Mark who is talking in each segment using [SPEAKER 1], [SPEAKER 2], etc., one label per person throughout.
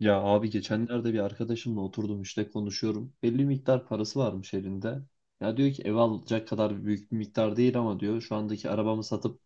[SPEAKER 1] Ya abi geçenlerde bir arkadaşımla oturdum işte konuşuyorum. Belli bir miktar parası varmış elinde. Ya diyor ki ev alacak kadar büyük bir miktar değil ama diyor şu andaki arabamı satıp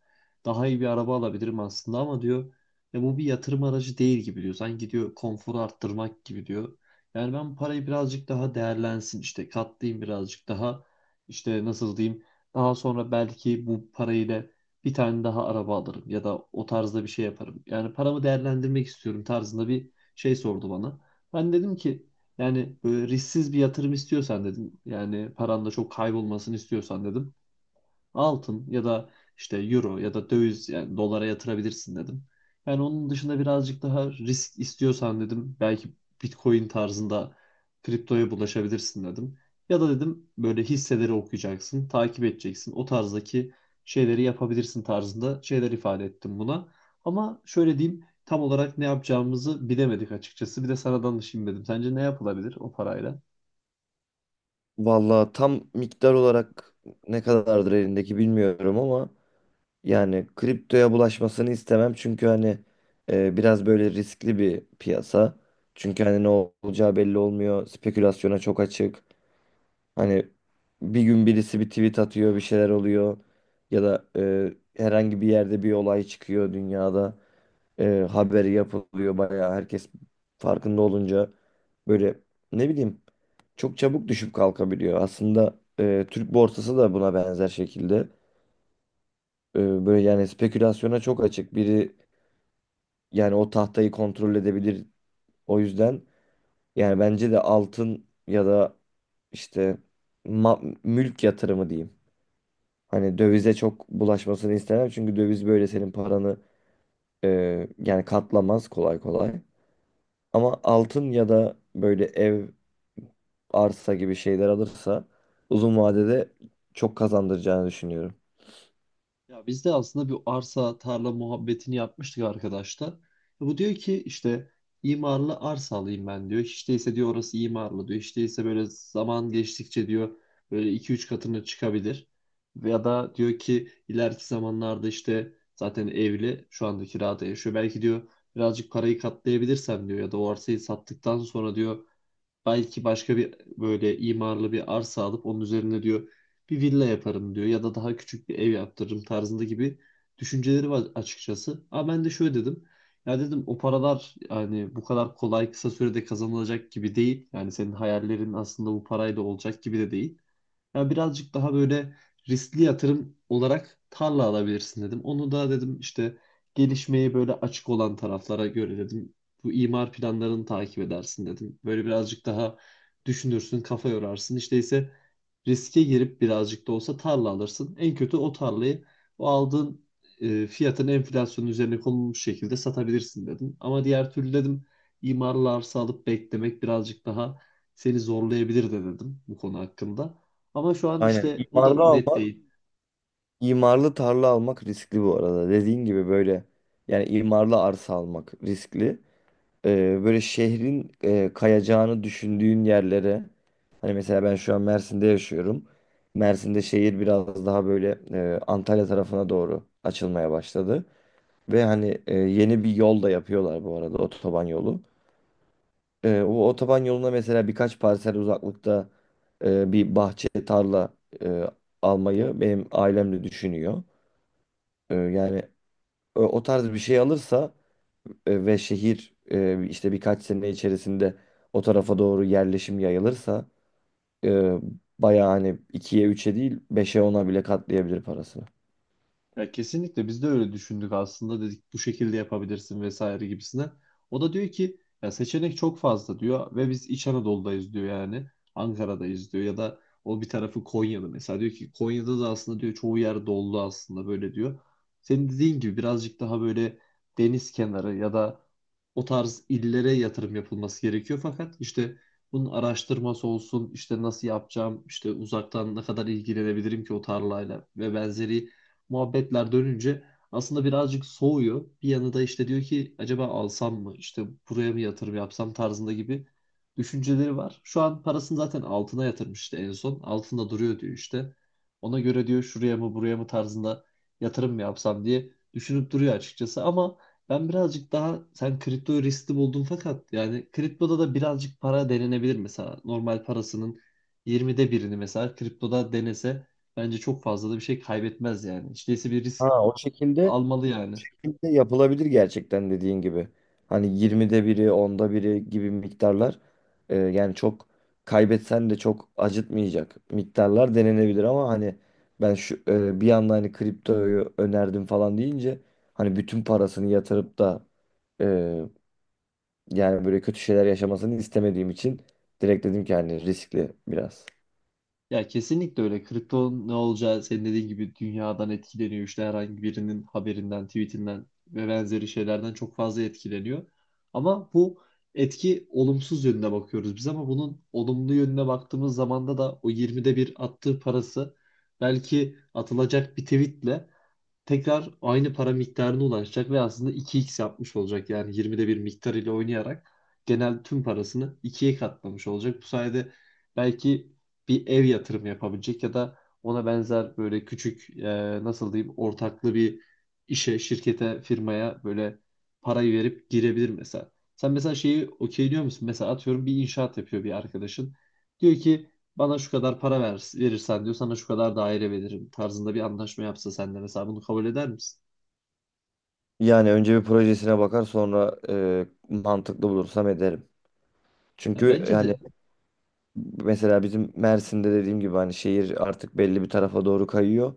[SPEAKER 1] daha iyi bir araba alabilirim aslında ama diyor ya bu bir yatırım aracı değil gibi diyor. Sanki diyor konforu arttırmak gibi diyor. Yani ben parayı birazcık daha değerlensin işte katlayayım birazcık daha işte nasıl diyeyim daha sonra belki bu parayla bir tane daha araba alırım ya da o tarzda bir şey yaparım. Yani paramı değerlendirmek istiyorum tarzında bir şey sordu bana. Ben dedim ki yani böyle risksiz bir yatırım istiyorsan dedim. Yani paran da çok kaybolmasını istiyorsan dedim altın ya da işte euro ya da döviz yani dolara yatırabilirsin dedim. Yani onun dışında birazcık daha risk istiyorsan dedim belki Bitcoin tarzında kriptoya bulaşabilirsin dedim. Ya da dedim böyle hisseleri okuyacaksın, takip edeceksin. O tarzdaki şeyleri yapabilirsin tarzında şeyler ifade ettim buna. Ama şöyle diyeyim tam olarak ne yapacağımızı bilemedik açıkçası. Bir de sana danışayım dedim. Sence ne yapılabilir o parayla?
[SPEAKER 2] Vallahi tam miktar olarak ne kadardır elindeki bilmiyorum ama yani kriptoya bulaşmasını istemem çünkü hani biraz böyle riskli bir piyasa. Çünkü hani ne olacağı belli olmuyor. Spekülasyona çok açık. Hani bir gün birisi bir tweet atıyor, bir şeyler oluyor ya da herhangi bir yerde bir olay çıkıyor dünyada, e, haberi yapılıyor, bayağı herkes farkında olunca böyle, ne bileyim, çok çabuk düşüp kalkabiliyor. Aslında Türk borsası da buna benzer şekilde böyle yani spekülasyona çok açık. Biri, yani o tahtayı kontrol edebilir. O yüzden yani bence de altın ya da işte mülk yatırımı diyeyim. Hani dövize çok bulaşmasını istemem çünkü döviz böyle senin paranı e, yani katlamaz kolay kolay. Ama altın ya da böyle ev, arsa gibi şeyler alırsa uzun vadede çok kazandıracağını düşünüyorum.
[SPEAKER 1] Ya biz de aslında bir arsa tarla muhabbetini yapmıştık arkadaşlar. Bu diyor ki işte imarlı arsa alayım ben diyor. Hiç değilse diyor orası imarlı diyor. Hiç değilse böyle zaman geçtikçe diyor böyle iki üç katını çıkabilir. Ya da diyor ki ileriki zamanlarda işte zaten evli, şu anda kirada yaşıyor. Belki diyor birazcık parayı katlayabilirsem diyor ya da o arsayı sattıktan sonra diyor belki başka bir böyle imarlı bir arsa alıp onun üzerine diyor bir villa yaparım diyor ya da daha küçük bir ev yaptırırım tarzında gibi düşünceleri var açıkçası. Ama ben de şöyle dedim. Ya dedim o paralar yani bu kadar kolay kısa sürede kazanılacak gibi değil. Yani senin hayallerin aslında bu parayla olacak gibi de değil. Ya birazcık daha böyle riskli yatırım olarak tarla alabilirsin dedim. Onu da dedim işte gelişmeye böyle açık olan taraflara göre dedim. Bu imar planlarını takip edersin dedim. Böyle birazcık daha düşünürsün, kafa yorarsın. İşte ise riske girip birazcık da olsa tarla alırsın. En kötü o tarlayı o aldığın fiyatın enflasyonun üzerine konulmuş şekilde satabilirsin dedim. Ama diğer türlü dedim imarlı arsa alıp beklemek birazcık daha seni zorlayabilir de dedim bu konu hakkında. Ama şu an
[SPEAKER 2] Aynen.
[SPEAKER 1] işte o da
[SPEAKER 2] İmarlı
[SPEAKER 1] net
[SPEAKER 2] almak,
[SPEAKER 1] değil.
[SPEAKER 2] imarlı tarla almak riskli bu arada. Dediğin gibi böyle yani imarlı arsa almak riskli. Böyle şehrin kayacağını düşündüğün yerlere, hani mesela ben şu an Mersin'de yaşıyorum. Mersin'de şehir biraz daha böyle Antalya tarafına doğru açılmaya başladı. Ve hani yeni bir yol da yapıyorlar bu arada, otoban yolu. O otoban yoluna mesela birkaç parsel uzaklıkta bir bahçe tarla e, almayı benim ailem de düşünüyor. Yani o tarz bir şey alırsa, ve şehir işte birkaç sene içerisinde o tarafa doğru yerleşim yayılırsa, e, bayağı hani ikiye üçe değil beşe ona bile katlayabilir parasını.
[SPEAKER 1] Ya kesinlikle biz de öyle düşündük aslında, dedik bu şekilde yapabilirsin vesaire gibisine. O da diyor ki ya seçenek çok fazla diyor ve biz İç Anadolu'dayız diyor, yani Ankara'dayız diyor ya da o bir tarafı Konya'da, mesela diyor ki Konya'da da aslında diyor çoğu yer dolu aslında böyle diyor. Senin dediğin gibi birazcık daha böyle deniz kenarı ya da o tarz illere yatırım yapılması gerekiyor, fakat işte bunun araştırması olsun, işte nasıl yapacağım, işte uzaktan ne kadar ilgilenebilirim ki o tarlayla ve benzeri muhabbetler dönünce aslında birazcık soğuyor. Bir yanı da işte diyor ki acaba alsam mı, işte buraya mı yatırım yapsam tarzında gibi düşünceleri var. Şu an parasını zaten altına yatırmıştı en son. Altında duruyor diyor işte. Ona göre diyor şuraya mı buraya mı tarzında yatırım mı yapsam diye düşünüp duruyor açıkçası, ama ben birazcık daha, sen kripto riskli buldun fakat yani kriptoda da birazcık para denenebilir, mesela normal parasının 20'de birini mesela kriptoda denese bence çok fazla da bir şey kaybetmez yani. Hiç değilse bir risk
[SPEAKER 2] Ha, o şekilde
[SPEAKER 1] almalı yani.
[SPEAKER 2] şekilde yapılabilir gerçekten, dediğin gibi. Hani 20'de biri, onda biri gibi miktarlar, yani çok kaybetsen de çok acıtmayacak miktarlar denenebilir, ama hani ben şu bir anda hani kriptoyu önerdim falan deyince, hani bütün parasını yatırıp da e, yani böyle kötü şeyler yaşamasını istemediğim için direkt dedim ki hani riskli biraz.
[SPEAKER 1] Ya kesinlikle öyle. Kripto ne olacağı senin dediğin gibi dünyadan etkileniyor. İşte herhangi birinin haberinden, tweetinden ve benzeri şeylerden çok fazla etkileniyor. Ama bu etki olumsuz yönüne bakıyoruz biz, ama bunun olumlu yönüne baktığımız zamanda da o 20'de bir attığı parası belki atılacak bir tweetle tekrar aynı para miktarına ulaşacak ve aslında 2x yapmış olacak. Yani 20'de bir miktar ile oynayarak genel tüm parasını ikiye katlamış olacak. Bu sayede belki bir ev yatırımı yapabilecek ya da ona benzer böyle küçük, nasıl diyeyim, ortaklı bir işe, şirkete, firmaya böyle parayı verip girebilir mesela. Sen mesela şeyi okey musun? Mesela atıyorum bir inşaat yapıyor bir arkadaşın. Diyor ki bana şu kadar para ver, verirsen diyor sana şu kadar daire veririm tarzında bir anlaşma yapsa sen de mesela bunu kabul eder misin?
[SPEAKER 2] Yani önce bir projesine bakar, sonra mantıklı bulursam ederim.
[SPEAKER 1] Ya
[SPEAKER 2] Çünkü
[SPEAKER 1] bence
[SPEAKER 2] yani,
[SPEAKER 1] de.
[SPEAKER 2] mesela bizim Mersin'de dediğim gibi hani şehir artık belli bir tarafa doğru kayıyor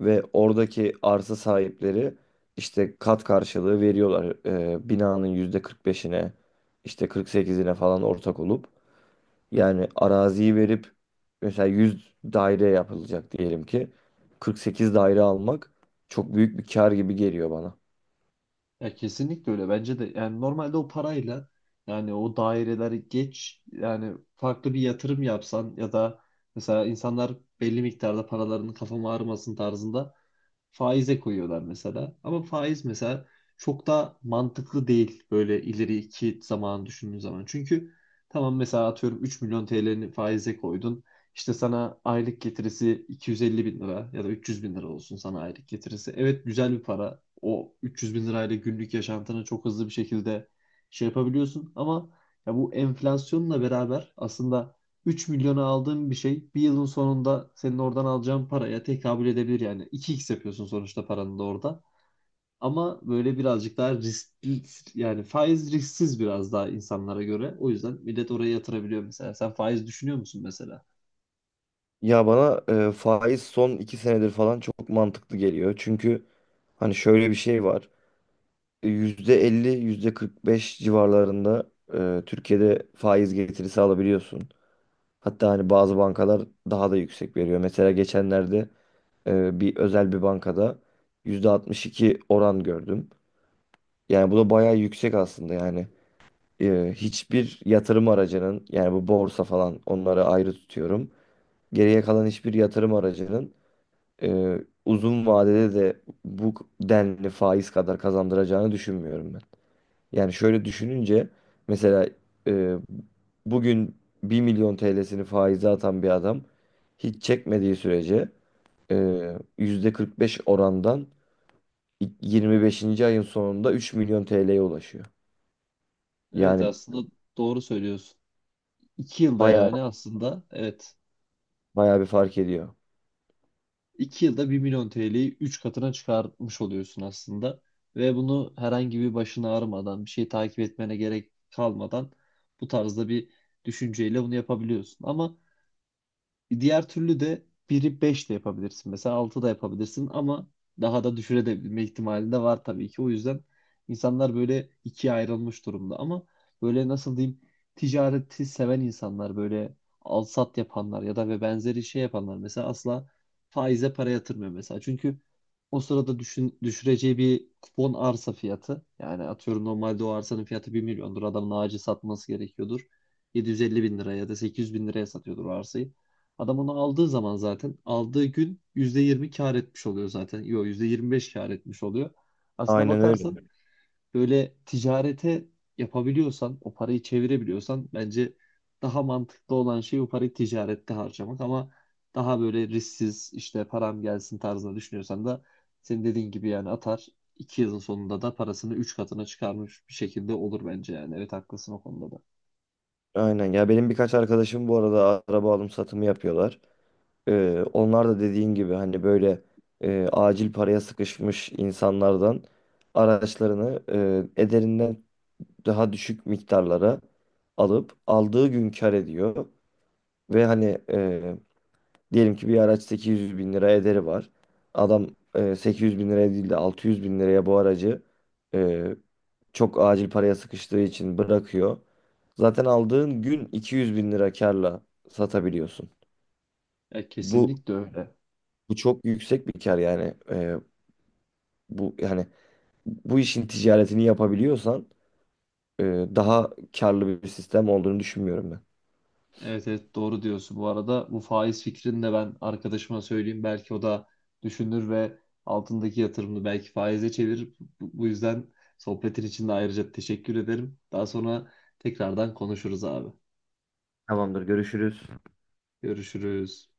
[SPEAKER 2] ve oradaki arsa sahipleri işte kat karşılığı veriyorlar, binanın yüzde 45'ine, işte 48'ine falan ortak olup, yani araziyi verip mesela 100 daire yapılacak diyelim ki, 48 daire almak çok büyük bir kar gibi geliyor bana.
[SPEAKER 1] Ya kesinlikle öyle bence de, yani normalde o parayla, yani o daireleri geç, yani farklı bir yatırım yapsan ya da mesela insanlar belli miktarda paralarının kafama ağrımasın tarzında faize koyuyorlar mesela. Ama faiz mesela çok da mantıklı değil böyle ileriki zaman düşündüğün zaman. Çünkü tamam, mesela atıyorum 3 milyon TL'ni faize koydun. İşte sana aylık getirisi 250 bin lira ya da 300 bin lira olsun sana aylık getirisi. Evet, güzel bir para. O 300 bin lirayla günlük yaşantını çok hızlı bir şekilde şey yapabiliyorsun. Ama ya bu enflasyonla beraber aslında 3 milyona aldığın bir şey bir yılın sonunda senin oradan alacağın paraya tekabül edebilir yani. 2x yapıyorsun sonuçta paranı da orada. Ama böyle birazcık daha riskli, yani faiz risksiz biraz daha insanlara göre. O yüzden millet oraya yatırabiliyor mesela. Sen faiz düşünüyor musun mesela?
[SPEAKER 2] Ya bana faiz son 2 senedir falan çok mantıklı geliyor çünkü hani şöyle bir şey var. %50, %45 civarlarında Türkiye'de faiz getirisi alabiliyorsun. Hatta hani bazı bankalar daha da yüksek veriyor. Mesela geçenlerde bir özel bir bankada %62 oran gördüm. Yani bu da bayağı yüksek aslında yani. Hiçbir yatırım aracının, yani bu borsa falan, onları ayrı tutuyorum. Geriye kalan hiçbir yatırım aracının e, uzun vadede de bu denli faiz kadar kazandıracağını düşünmüyorum. Yani şöyle düşününce, mesela e, bugün 1.000.000 TL'sini faize atan bir adam hiç çekmediği sürece, e, %45 orandan 25. ayın sonunda 3.000.000 TL'ye ulaşıyor.
[SPEAKER 1] Evet,
[SPEAKER 2] Yani
[SPEAKER 1] aslında doğru söylüyorsun. 2 yılda,
[SPEAKER 2] bayağı
[SPEAKER 1] yani aslında evet,
[SPEAKER 2] bayağı bir fark ediyor.
[SPEAKER 1] 2 yılda bir milyon TL'yi 3 katına çıkarmış oluyorsun aslında. Ve bunu herhangi bir başını ağrımadan, bir şey takip etmene gerek kalmadan bu tarzda bir düşünceyle bunu yapabiliyorsun. Ama diğer türlü de biri 5 de yapabilirsin. Mesela 6 da yapabilirsin ama daha da düşürebilme ihtimali de var tabii ki. O yüzden insanlar böyle ikiye ayrılmış durumda. Ama böyle nasıl diyeyim, ticareti seven insanlar, böyle al sat yapanlar ya da ve benzeri şey yapanlar mesela asla faize para yatırmıyor mesela. Çünkü o sırada düşün, düşüreceği bir kupon arsa fiyatı, yani atıyorum normalde o arsanın fiyatı bir milyondur. Adamın ağacı satması gerekiyordur. 750 bin liraya ya da 800 bin liraya satıyordur o arsayı. Adam onu aldığı zaman zaten aldığı gün %20 kar etmiş oluyor zaten. Yok, %25 kar etmiş oluyor. Aslına
[SPEAKER 2] Aynen öyle.
[SPEAKER 1] bakarsan böyle ticarete yapabiliyorsan, o parayı çevirebiliyorsan, bence daha mantıklı olan şey o parayı ticarette harcamak, ama daha böyle risksiz işte param gelsin tarzında düşünüyorsan da senin dediğin gibi yani atar 2 yılın sonunda da parasını 3 katına çıkarmış bir şekilde olur bence yani. Evet, haklısın o konuda da.
[SPEAKER 2] Aynen. Ya benim birkaç arkadaşım bu arada araba alım satımı yapıyorlar. Onlar da dediğin gibi hani böyle acil paraya sıkışmış insanlardan araçlarını ederinden daha düşük miktarlara alıp aldığı gün kar ediyor. Ve hani diyelim ki bir araç 800 bin lira ederi var. Adam 800 bin liraya değil de 600 bin liraya bu aracı e, çok acil paraya sıkıştığı için bırakıyor. Zaten aldığın gün 200 bin lira karla satabiliyorsun.
[SPEAKER 1] Ya
[SPEAKER 2] Bu
[SPEAKER 1] kesinlikle öyle.
[SPEAKER 2] Bu çok yüksek bir kar yani. Bu yani bu işin ticaretini yapabiliyorsan, e, daha karlı bir sistem olduğunu düşünmüyorum ben.
[SPEAKER 1] Evet evet, doğru diyorsun. Bu arada bu faiz fikrini de ben arkadaşıma söyleyeyim. Belki o da düşünür ve altındaki yatırımını belki faize çevirir. Bu yüzden sohbetin için de ayrıca teşekkür ederim. Daha sonra tekrardan konuşuruz abi.
[SPEAKER 2] Tamamdır, görüşürüz.
[SPEAKER 1] Görüşürüz.